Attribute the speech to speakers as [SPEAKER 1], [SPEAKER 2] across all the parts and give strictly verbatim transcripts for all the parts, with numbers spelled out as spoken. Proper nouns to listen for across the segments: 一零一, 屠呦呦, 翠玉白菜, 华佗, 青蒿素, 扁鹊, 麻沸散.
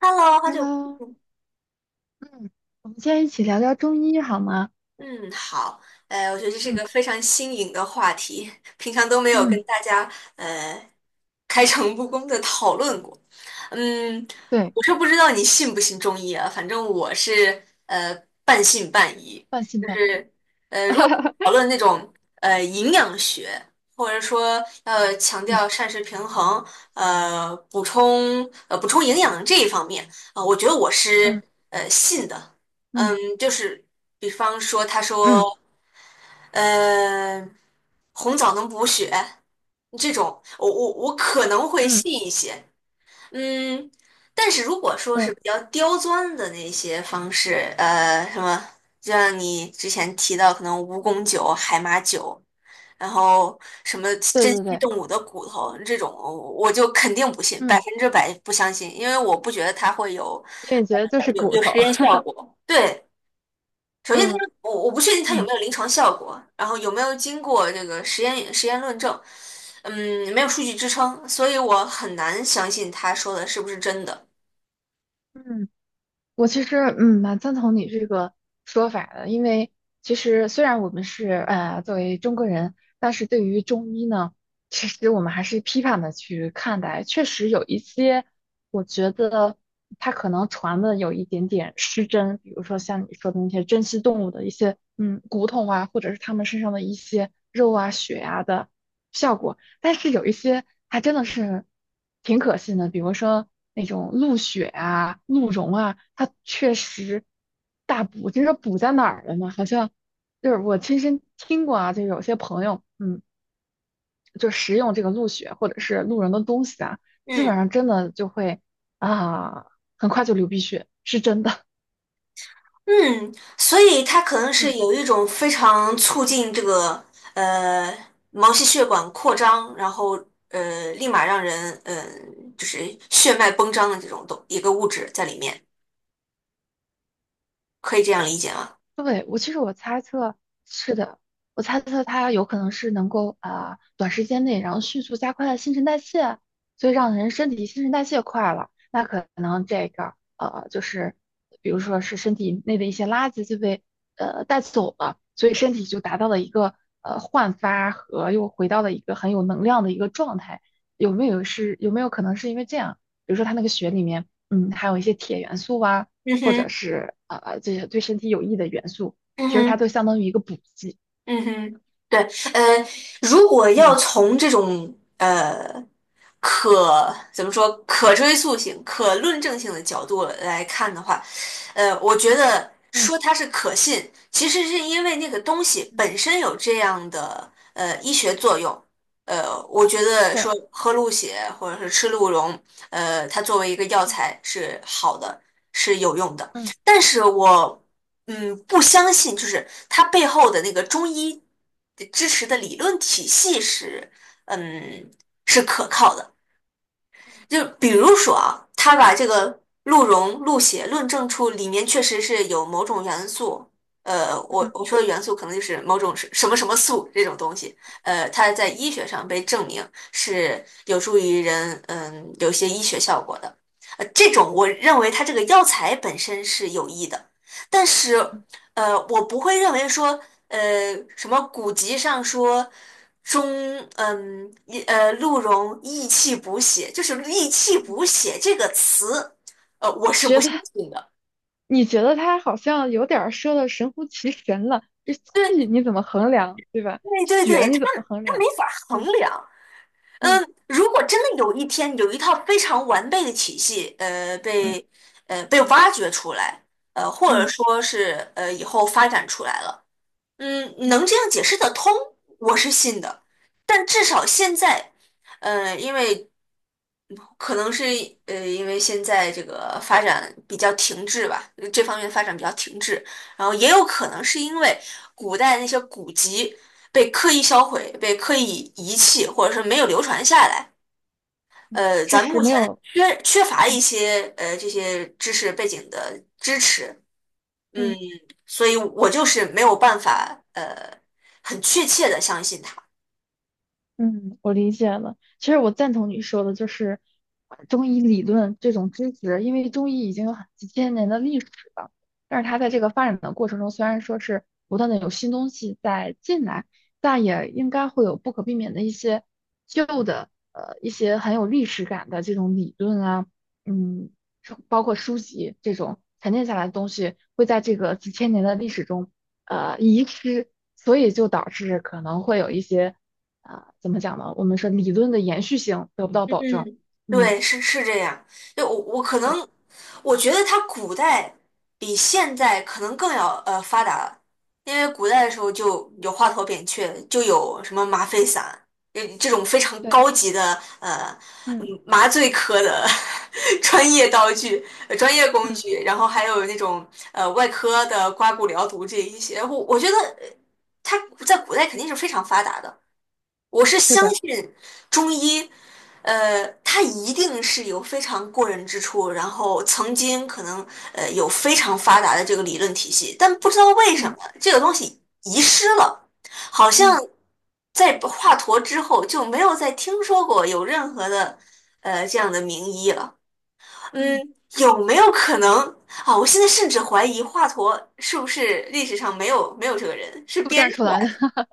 [SPEAKER 1] Hello，好久
[SPEAKER 2] Hello，
[SPEAKER 1] 不见。
[SPEAKER 2] 嗯，我们现在一起聊聊中医好吗？
[SPEAKER 1] 嗯，好，呃，我觉得这是
[SPEAKER 2] 嗯
[SPEAKER 1] 个非常新颖的话题，平常都没有
[SPEAKER 2] 嗯，
[SPEAKER 1] 跟大家呃开诚布公的讨论过。嗯，
[SPEAKER 2] 对，
[SPEAKER 1] 我是不知道你信不信中医啊，反正我是呃半信半疑，
[SPEAKER 2] 半信
[SPEAKER 1] 就
[SPEAKER 2] 半疑。
[SPEAKER 1] 是呃，如果讨 论那种呃营养学，或者说要强
[SPEAKER 2] 嗯
[SPEAKER 1] 调膳食平衡，呃，补充呃补充营养这一方面，啊、呃我觉得我
[SPEAKER 2] 嗯
[SPEAKER 1] 是呃信的。
[SPEAKER 2] 嗯
[SPEAKER 1] 嗯，就是比方说，他
[SPEAKER 2] 嗯
[SPEAKER 1] 说，呃，红枣能补血这种，我我我可能会
[SPEAKER 2] 嗯
[SPEAKER 1] 信一些，嗯，但是如果说是
[SPEAKER 2] 嗯，
[SPEAKER 1] 比较刁钻的那些方式，呃，什么，就像你之前提到可能蜈蚣酒、海马酒，然后什么
[SPEAKER 2] 对
[SPEAKER 1] 珍
[SPEAKER 2] 对
[SPEAKER 1] 稀
[SPEAKER 2] 对，
[SPEAKER 1] 动物的骨头这种，我就肯定不信，百
[SPEAKER 2] 嗯，
[SPEAKER 1] 分之百不相信，因为我不觉得它会有
[SPEAKER 2] 因为觉得就
[SPEAKER 1] 呃
[SPEAKER 2] 是
[SPEAKER 1] 有
[SPEAKER 2] 骨
[SPEAKER 1] 有
[SPEAKER 2] 头。
[SPEAKER 1] 实验 效果，对。首先它
[SPEAKER 2] 嗯
[SPEAKER 1] 是，我我不确定它有没
[SPEAKER 2] 嗯
[SPEAKER 1] 有临床效果，然后有没有经过这个实验实验论证，嗯，没有数据支撑，所以我很难相信他说的是不是真的。
[SPEAKER 2] 嗯我其实嗯蛮赞同你这个说法的，因为其实虽然我们是呃作为中国人，但是对于中医呢，其实我们还是批判的去看待，确实有一些我觉得它可能传的有一点点失真，比如说像你说的那些珍稀动物的一些嗯骨头啊，或者是它们身上的一些肉啊、血啊的。效果。但是有一些还真的是挺可信的，比如说那种鹿血啊、鹿茸啊，它确实大补。就是补在哪儿了呢？好像就是我亲身听过啊，就有些朋友，嗯，就食用这个鹿血或者是鹿茸的东西啊，基本
[SPEAKER 1] 嗯
[SPEAKER 2] 上真的就会啊，很快就流鼻血，是真的。
[SPEAKER 1] 嗯，所以它可能 是
[SPEAKER 2] 嗯。
[SPEAKER 1] 有一种非常促进这个呃毛细血管扩张，然后呃立马让人嗯、呃、就是血脉绷张的这种东一个物质在里面，可以这样理解吗？
[SPEAKER 2] 对，我其实我猜测是的，我猜测它有可能是能够啊、呃短时间内，然后迅速加快新陈代谢，所以让人身体新陈代谢快了，那可能这个呃就是比如说是身体内的一些垃圾就被呃带走了，所以身体就达到了一个呃焕发和又回到了一个很有能量的一个状态，有没有是有没有可能是因为这样？比如说它那个血里面嗯含有一些铁元素啊。
[SPEAKER 1] 嗯
[SPEAKER 2] 或者
[SPEAKER 1] 哼，
[SPEAKER 2] 是呃呃这些对身体有益的元素，
[SPEAKER 1] 嗯
[SPEAKER 2] 其实它
[SPEAKER 1] 哼。
[SPEAKER 2] 都相当于一个补剂。
[SPEAKER 1] 嗯哼，对，呃，如果要
[SPEAKER 2] 嗯，
[SPEAKER 1] 从这种呃可怎么说可追溯性、可论证性的角度来看的话，呃，我觉得
[SPEAKER 2] 嗯
[SPEAKER 1] 说它是可信，其实是因为那个东西
[SPEAKER 2] 嗯
[SPEAKER 1] 本身有这样的呃医学作用。呃，我觉得
[SPEAKER 2] 对，
[SPEAKER 1] 说喝鹿血或者是吃鹿茸，呃，它作为一个药
[SPEAKER 2] 嗯
[SPEAKER 1] 材是好的，是有用的。
[SPEAKER 2] 嗯
[SPEAKER 1] 但是
[SPEAKER 2] 嗯
[SPEAKER 1] 我嗯，不相信，就是它背后的那个中医支持的理论体系是，嗯，是可靠的。就
[SPEAKER 2] 嗯
[SPEAKER 1] 比如说啊，他把这个鹿茸、鹿血论证出里面确实是有某种元素，呃，我
[SPEAKER 2] 嗯
[SPEAKER 1] 我说的元素可能就是某种是什么什么素这种东西，呃，它在医学上被证明是有助于人，嗯，有些医学效果的。呃，这种我认为它这个药材本身是有益的，但是，
[SPEAKER 2] 嗯，
[SPEAKER 1] 呃，我不会认为说呃，什么古籍上说中，嗯，一呃，鹿茸益气补血，就是"益气补血"这个词，呃，我是不
[SPEAKER 2] 觉得
[SPEAKER 1] 相信的。
[SPEAKER 2] 你觉得它好像有点儿说的神乎其神了，这气
[SPEAKER 1] 对
[SPEAKER 2] 你怎么衡量，对吧？
[SPEAKER 1] 对对
[SPEAKER 2] 血
[SPEAKER 1] 对，它
[SPEAKER 2] 你怎么衡
[SPEAKER 1] 它没
[SPEAKER 2] 量？
[SPEAKER 1] 法衡
[SPEAKER 2] 嗯
[SPEAKER 1] 量。
[SPEAKER 2] 嗯
[SPEAKER 1] 嗯，如果真的有一天有一套非常完备的体系，呃，
[SPEAKER 2] 嗯
[SPEAKER 1] 被呃被挖掘出来，呃，或者
[SPEAKER 2] 嗯
[SPEAKER 1] 说是呃以后发展出来了。嗯，
[SPEAKER 2] 嗯嗯
[SPEAKER 1] 能这样解释得通，我是信的。但至少现在，呃，因为可能是
[SPEAKER 2] 嗯
[SPEAKER 1] 呃，因为现在这个发展比较停滞吧，呃这方面发展比较停滞，然后也有可能是因为古代那些古籍被刻意销毁、被刻意遗弃，或者是没有流传下来。
[SPEAKER 2] 嗯
[SPEAKER 1] 呃，
[SPEAKER 2] 知
[SPEAKER 1] 咱
[SPEAKER 2] 识
[SPEAKER 1] 目
[SPEAKER 2] 没
[SPEAKER 1] 前
[SPEAKER 2] 有。
[SPEAKER 1] 缺缺乏一
[SPEAKER 2] 嗯
[SPEAKER 1] 些呃这些知识背景的支持，嗯，
[SPEAKER 2] 嗯。
[SPEAKER 1] 所以我就是没有办法，呃，很确切的相信他。
[SPEAKER 2] 嗯，我理解了。其实我赞同你说的，就是呃中医理论这种知识，因为中医已经有很几千年的历史了，但是它在这个发展的过程中，虽然说是不断的有新东西在进来，但也应该会有不可避免的一些旧的，呃，一些很有历史感的这种理论啊，嗯，书包括书籍这种沉淀下来的东西，会在这个几千年的历史中，呃，遗失，所以就导致可能会有一些。啊、怎么讲呢？我们说理论的延续性得不到
[SPEAKER 1] 嗯，
[SPEAKER 2] 保证。嗯，
[SPEAKER 1] 对，是是这样。就我我可
[SPEAKER 2] 对
[SPEAKER 1] 能，我觉得它古代比现在可能更要呃发达了。因为古代的时候就有华佗扁鹊，就有什么麻沸散，呃这种非常
[SPEAKER 2] 对，
[SPEAKER 1] 高级的呃嗯
[SPEAKER 2] 嗯
[SPEAKER 1] 麻醉科的 专业道具、呃专业工
[SPEAKER 2] 嗯，
[SPEAKER 1] 具，然后还有那种呃外科的刮骨疗毒这一些，我我觉得呃它在古代肯定是非常发达的。我是
[SPEAKER 2] 是
[SPEAKER 1] 相
[SPEAKER 2] 的，
[SPEAKER 1] 信中医，呃，它一定是有非常过人之处，然后曾经可能呃有非常发达的这个理论体系，但不知道为什么
[SPEAKER 2] 嗯
[SPEAKER 1] 这个东西遗失了，好像
[SPEAKER 2] 嗯
[SPEAKER 1] 在华佗之后就没有再听说过有任何的呃这样的名医了。
[SPEAKER 2] 嗯，
[SPEAKER 1] 嗯，有没有可能啊？我现在甚至怀疑华佗是不是历史上没有没有这个人，是
[SPEAKER 2] 都
[SPEAKER 1] 编
[SPEAKER 2] 站
[SPEAKER 1] 出
[SPEAKER 2] 出来
[SPEAKER 1] 来
[SPEAKER 2] 的。
[SPEAKER 1] 的。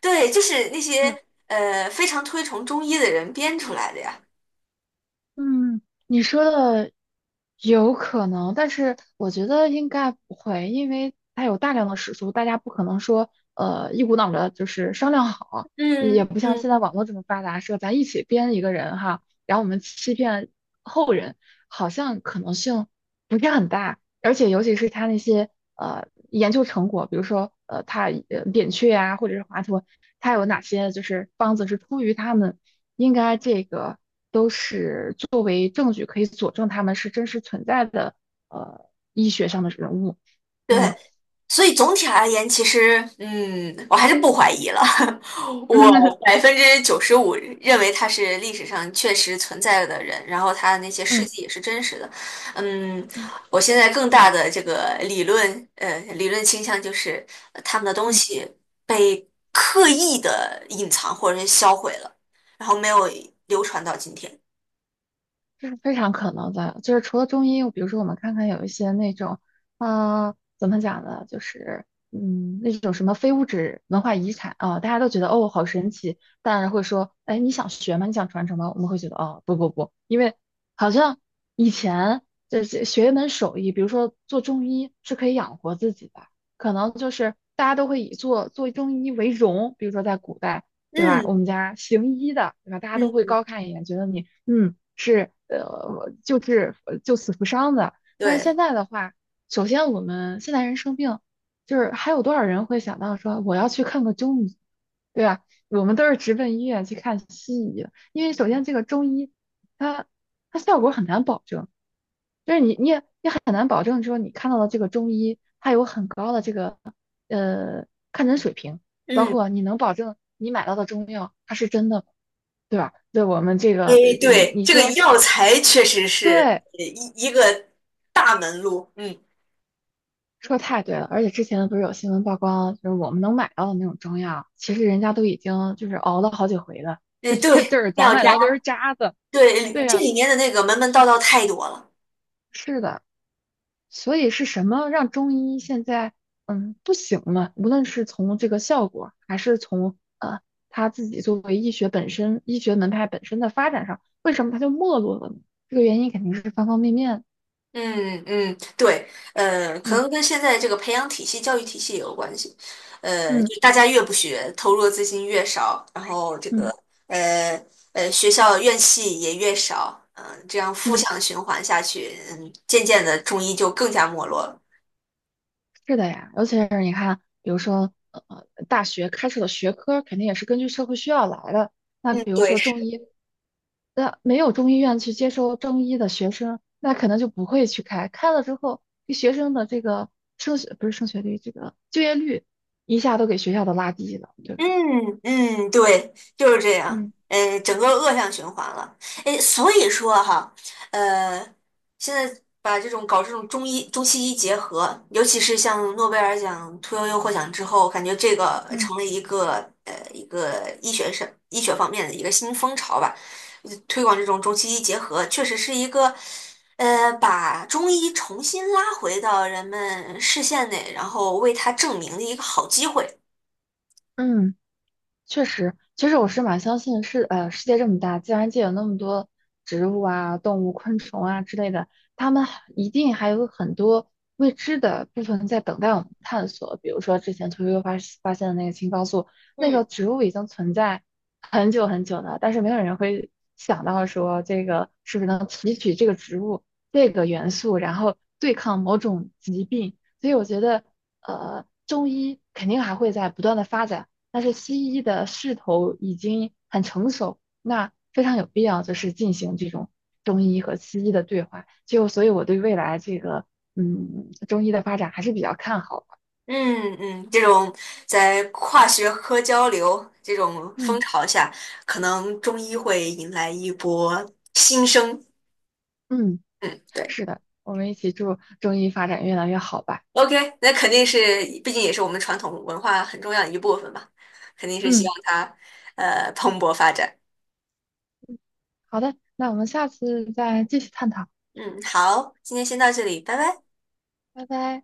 [SPEAKER 1] 对，就是那
[SPEAKER 2] 嗯
[SPEAKER 1] 些呃非常推崇中医的人编出来的呀。
[SPEAKER 2] 嗯，你说的有可能，但是我觉得应该不会，因为它有大量的史书，大家不可能说呃一股脑的就是商量好，也
[SPEAKER 1] 嗯
[SPEAKER 2] 不像
[SPEAKER 1] 嗯，
[SPEAKER 2] 现在网络这么发达，说咱一起编一个人哈，然后我们欺骗后人，好像可能性不是很大。而且尤其是他那些呃研究成果，比如说呃他呃扁鹊啊，或者是华佗，他有哪些就是方子是出于他们，应该这个都是作为证据可以佐证他们是真实存在的呃医学上的人物。
[SPEAKER 1] 对，
[SPEAKER 2] 嗯
[SPEAKER 1] 所以总体而言，其实嗯，我还是不怀疑了。
[SPEAKER 2] 嗯
[SPEAKER 1] 我百分之九十五认为他是历史上确实存在的人，然后他的那些事
[SPEAKER 2] 嗯
[SPEAKER 1] 迹也是真实的。嗯，
[SPEAKER 2] 嗯
[SPEAKER 1] 我现在更大的这个理论呃理论倾向就是呃他们的东
[SPEAKER 2] 嗯。
[SPEAKER 1] 西被刻意的隐藏或者是销毁了，然后没有流传到今天。
[SPEAKER 2] 这是非常可能的，就是除了中医，比如说我们看看有一些那种，啊、怎么讲呢，就是嗯，那种什么非物质文化遗产啊、大家都觉得哦好神奇，当然会说，哎，你想学吗？你想传承吗？我们会觉得哦不不不，因为好像以前这这学一门手艺，比如说做中医是可以养活自己的，可能就是大家都会以做做中医为荣，比如说在古代。对吧？我
[SPEAKER 1] 嗯
[SPEAKER 2] 们家行医的，对吧？大家都会
[SPEAKER 1] 嗯，
[SPEAKER 2] 高看一眼，觉得你嗯，是呃，救治救死扶伤的。但是
[SPEAKER 1] 对，
[SPEAKER 2] 现在的话，首先我们现代人生病，就是还有多少人会想到说我要去看个中医，对啊，我们都是直奔医院去看西医的因为首先这个中医，它它效果很难保证，就是你你也也很难保证说你看到的这个中医，它有很高的这个呃看诊水平，包
[SPEAKER 1] 嗯，
[SPEAKER 2] 括你能保证你买到的中药它是真的吗，对吧？对我们这个
[SPEAKER 1] 哎，
[SPEAKER 2] 呃你
[SPEAKER 1] 对，
[SPEAKER 2] 你
[SPEAKER 1] 这个
[SPEAKER 2] 说
[SPEAKER 1] 药材确实是
[SPEAKER 2] 对，
[SPEAKER 1] 呃一一个大门路，嗯，
[SPEAKER 2] 说太对了，而且之前不是有新闻曝光，就是我们能买到的那种中药，其实人家都已经就是熬了好几回了，
[SPEAKER 1] 哎，对，
[SPEAKER 2] 就是咱
[SPEAKER 1] 妙
[SPEAKER 2] 买
[SPEAKER 1] 家，
[SPEAKER 2] 到的都是渣子，
[SPEAKER 1] 对，
[SPEAKER 2] 对
[SPEAKER 1] 这
[SPEAKER 2] 呀。
[SPEAKER 1] 里面的那个门门道道太多了，
[SPEAKER 2] 是的，所以是什么让中医现在嗯不行呢？无论是从这个效果，还是从呃他自己作为医学本身、医学门派本身的发展上，为什么他就没落了呢？这个原因肯定是方方面面。
[SPEAKER 1] 嗯嗯，对，呃，可
[SPEAKER 2] 嗯
[SPEAKER 1] 能跟现在这个培养体系、教育体系也有关系，呃，
[SPEAKER 2] 嗯
[SPEAKER 1] 就大家越不学，投入的资金越少，然后这个
[SPEAKER 2] 嗯
[SPEAKER 1] 呃呃学校院系也越少，嗯、这样负
[SPEAKER 2] 嗯。
[SPEAKER 1] 向循环下去，嗯，渐渐的中医就更加没落了，
[SPEAKER 2] 是的呀，尤其是你看，比如说，呃，大学开设的学科肯定也是根据社会需要来的。那
[SPEAKER 1] 嗯，
[SPEAKER 2] 比如
[SPEAKER 1] 对。
[SPEAKER 2] 说中医，那没有中医院去接收中医的学生，那可能就不会去开。开了之后，这学生的这个升学不是升学率，这个就业率一下都给学校都拉低了，对不对？
[SPEAKER 1] 嗯嗯，对，就是这样，
[SPEAKER 2] 嗯
[SPEAKER 1] 呃，整个恶性循环了。哎，所以说哈，呃，现在把这种搞这种中医中西医结合，尤其是像诺贝尔奖屠呦呦获奖之后，感觉这个
[SPEAKER 2] 嗯
[SPEAKER 1] 成了一个呃一个医学上医学方面的一个新风潮吧。呃推广这种中西医结合，确实是一个呃把中医重新拉回到人们视线内，然后为它证明的一个好机会。
[SPEAKER 2] 嗯。确实，其实我是蛮相信世呃世界这么大，自然界有那么多植物啊、动物、昆虫啊之类的，它们还一定还有很多未知的部分在等待我们探索。比如说之前屠呦呦发发现的那个青蒿素，那个
[SPEAKER 1] 嗯
[SPEAKER 2] 植物已经存在很久很久了，但是没有人会想到说这个是不是能提取这个植物这个元素，然后对抗某种疾病。所以我觉得，呃，中医肯定还会在不断的发展。但是西医的势头已经很成熟，那非常有必要就是进行这种中医和西医的对话。就所以我对未来这个嗯中医的发展还是比较看好的。
[SPEAKER 1] 嗯嗯，这种在跨学科交流这种风
[SPEAKER 2] 嗯
[SPEAKER 1] 潮下，可能中医会迎来一波新生。
[SPEAKER 2] 嗯，
[SPEAKER 1] 嗯，对
[SPEAKER 2] 是的，我们一起祝中医发展越来越好吧。
[SPEAKER 1] ，OK，那肯定是，毕竟也是我们传统文化很重要的一部分嘛，肯定是希
[SPEAKER 2] 嗯，
[SPEAKER 1] 望它呃蓬勃发展。
[SPEAKER 2] 好的，那我们下次再继续探讨，
[SPEAKER 1] 嗯，好，今天先到这里，拜拜。
[SPEAKER 2] 拜拜。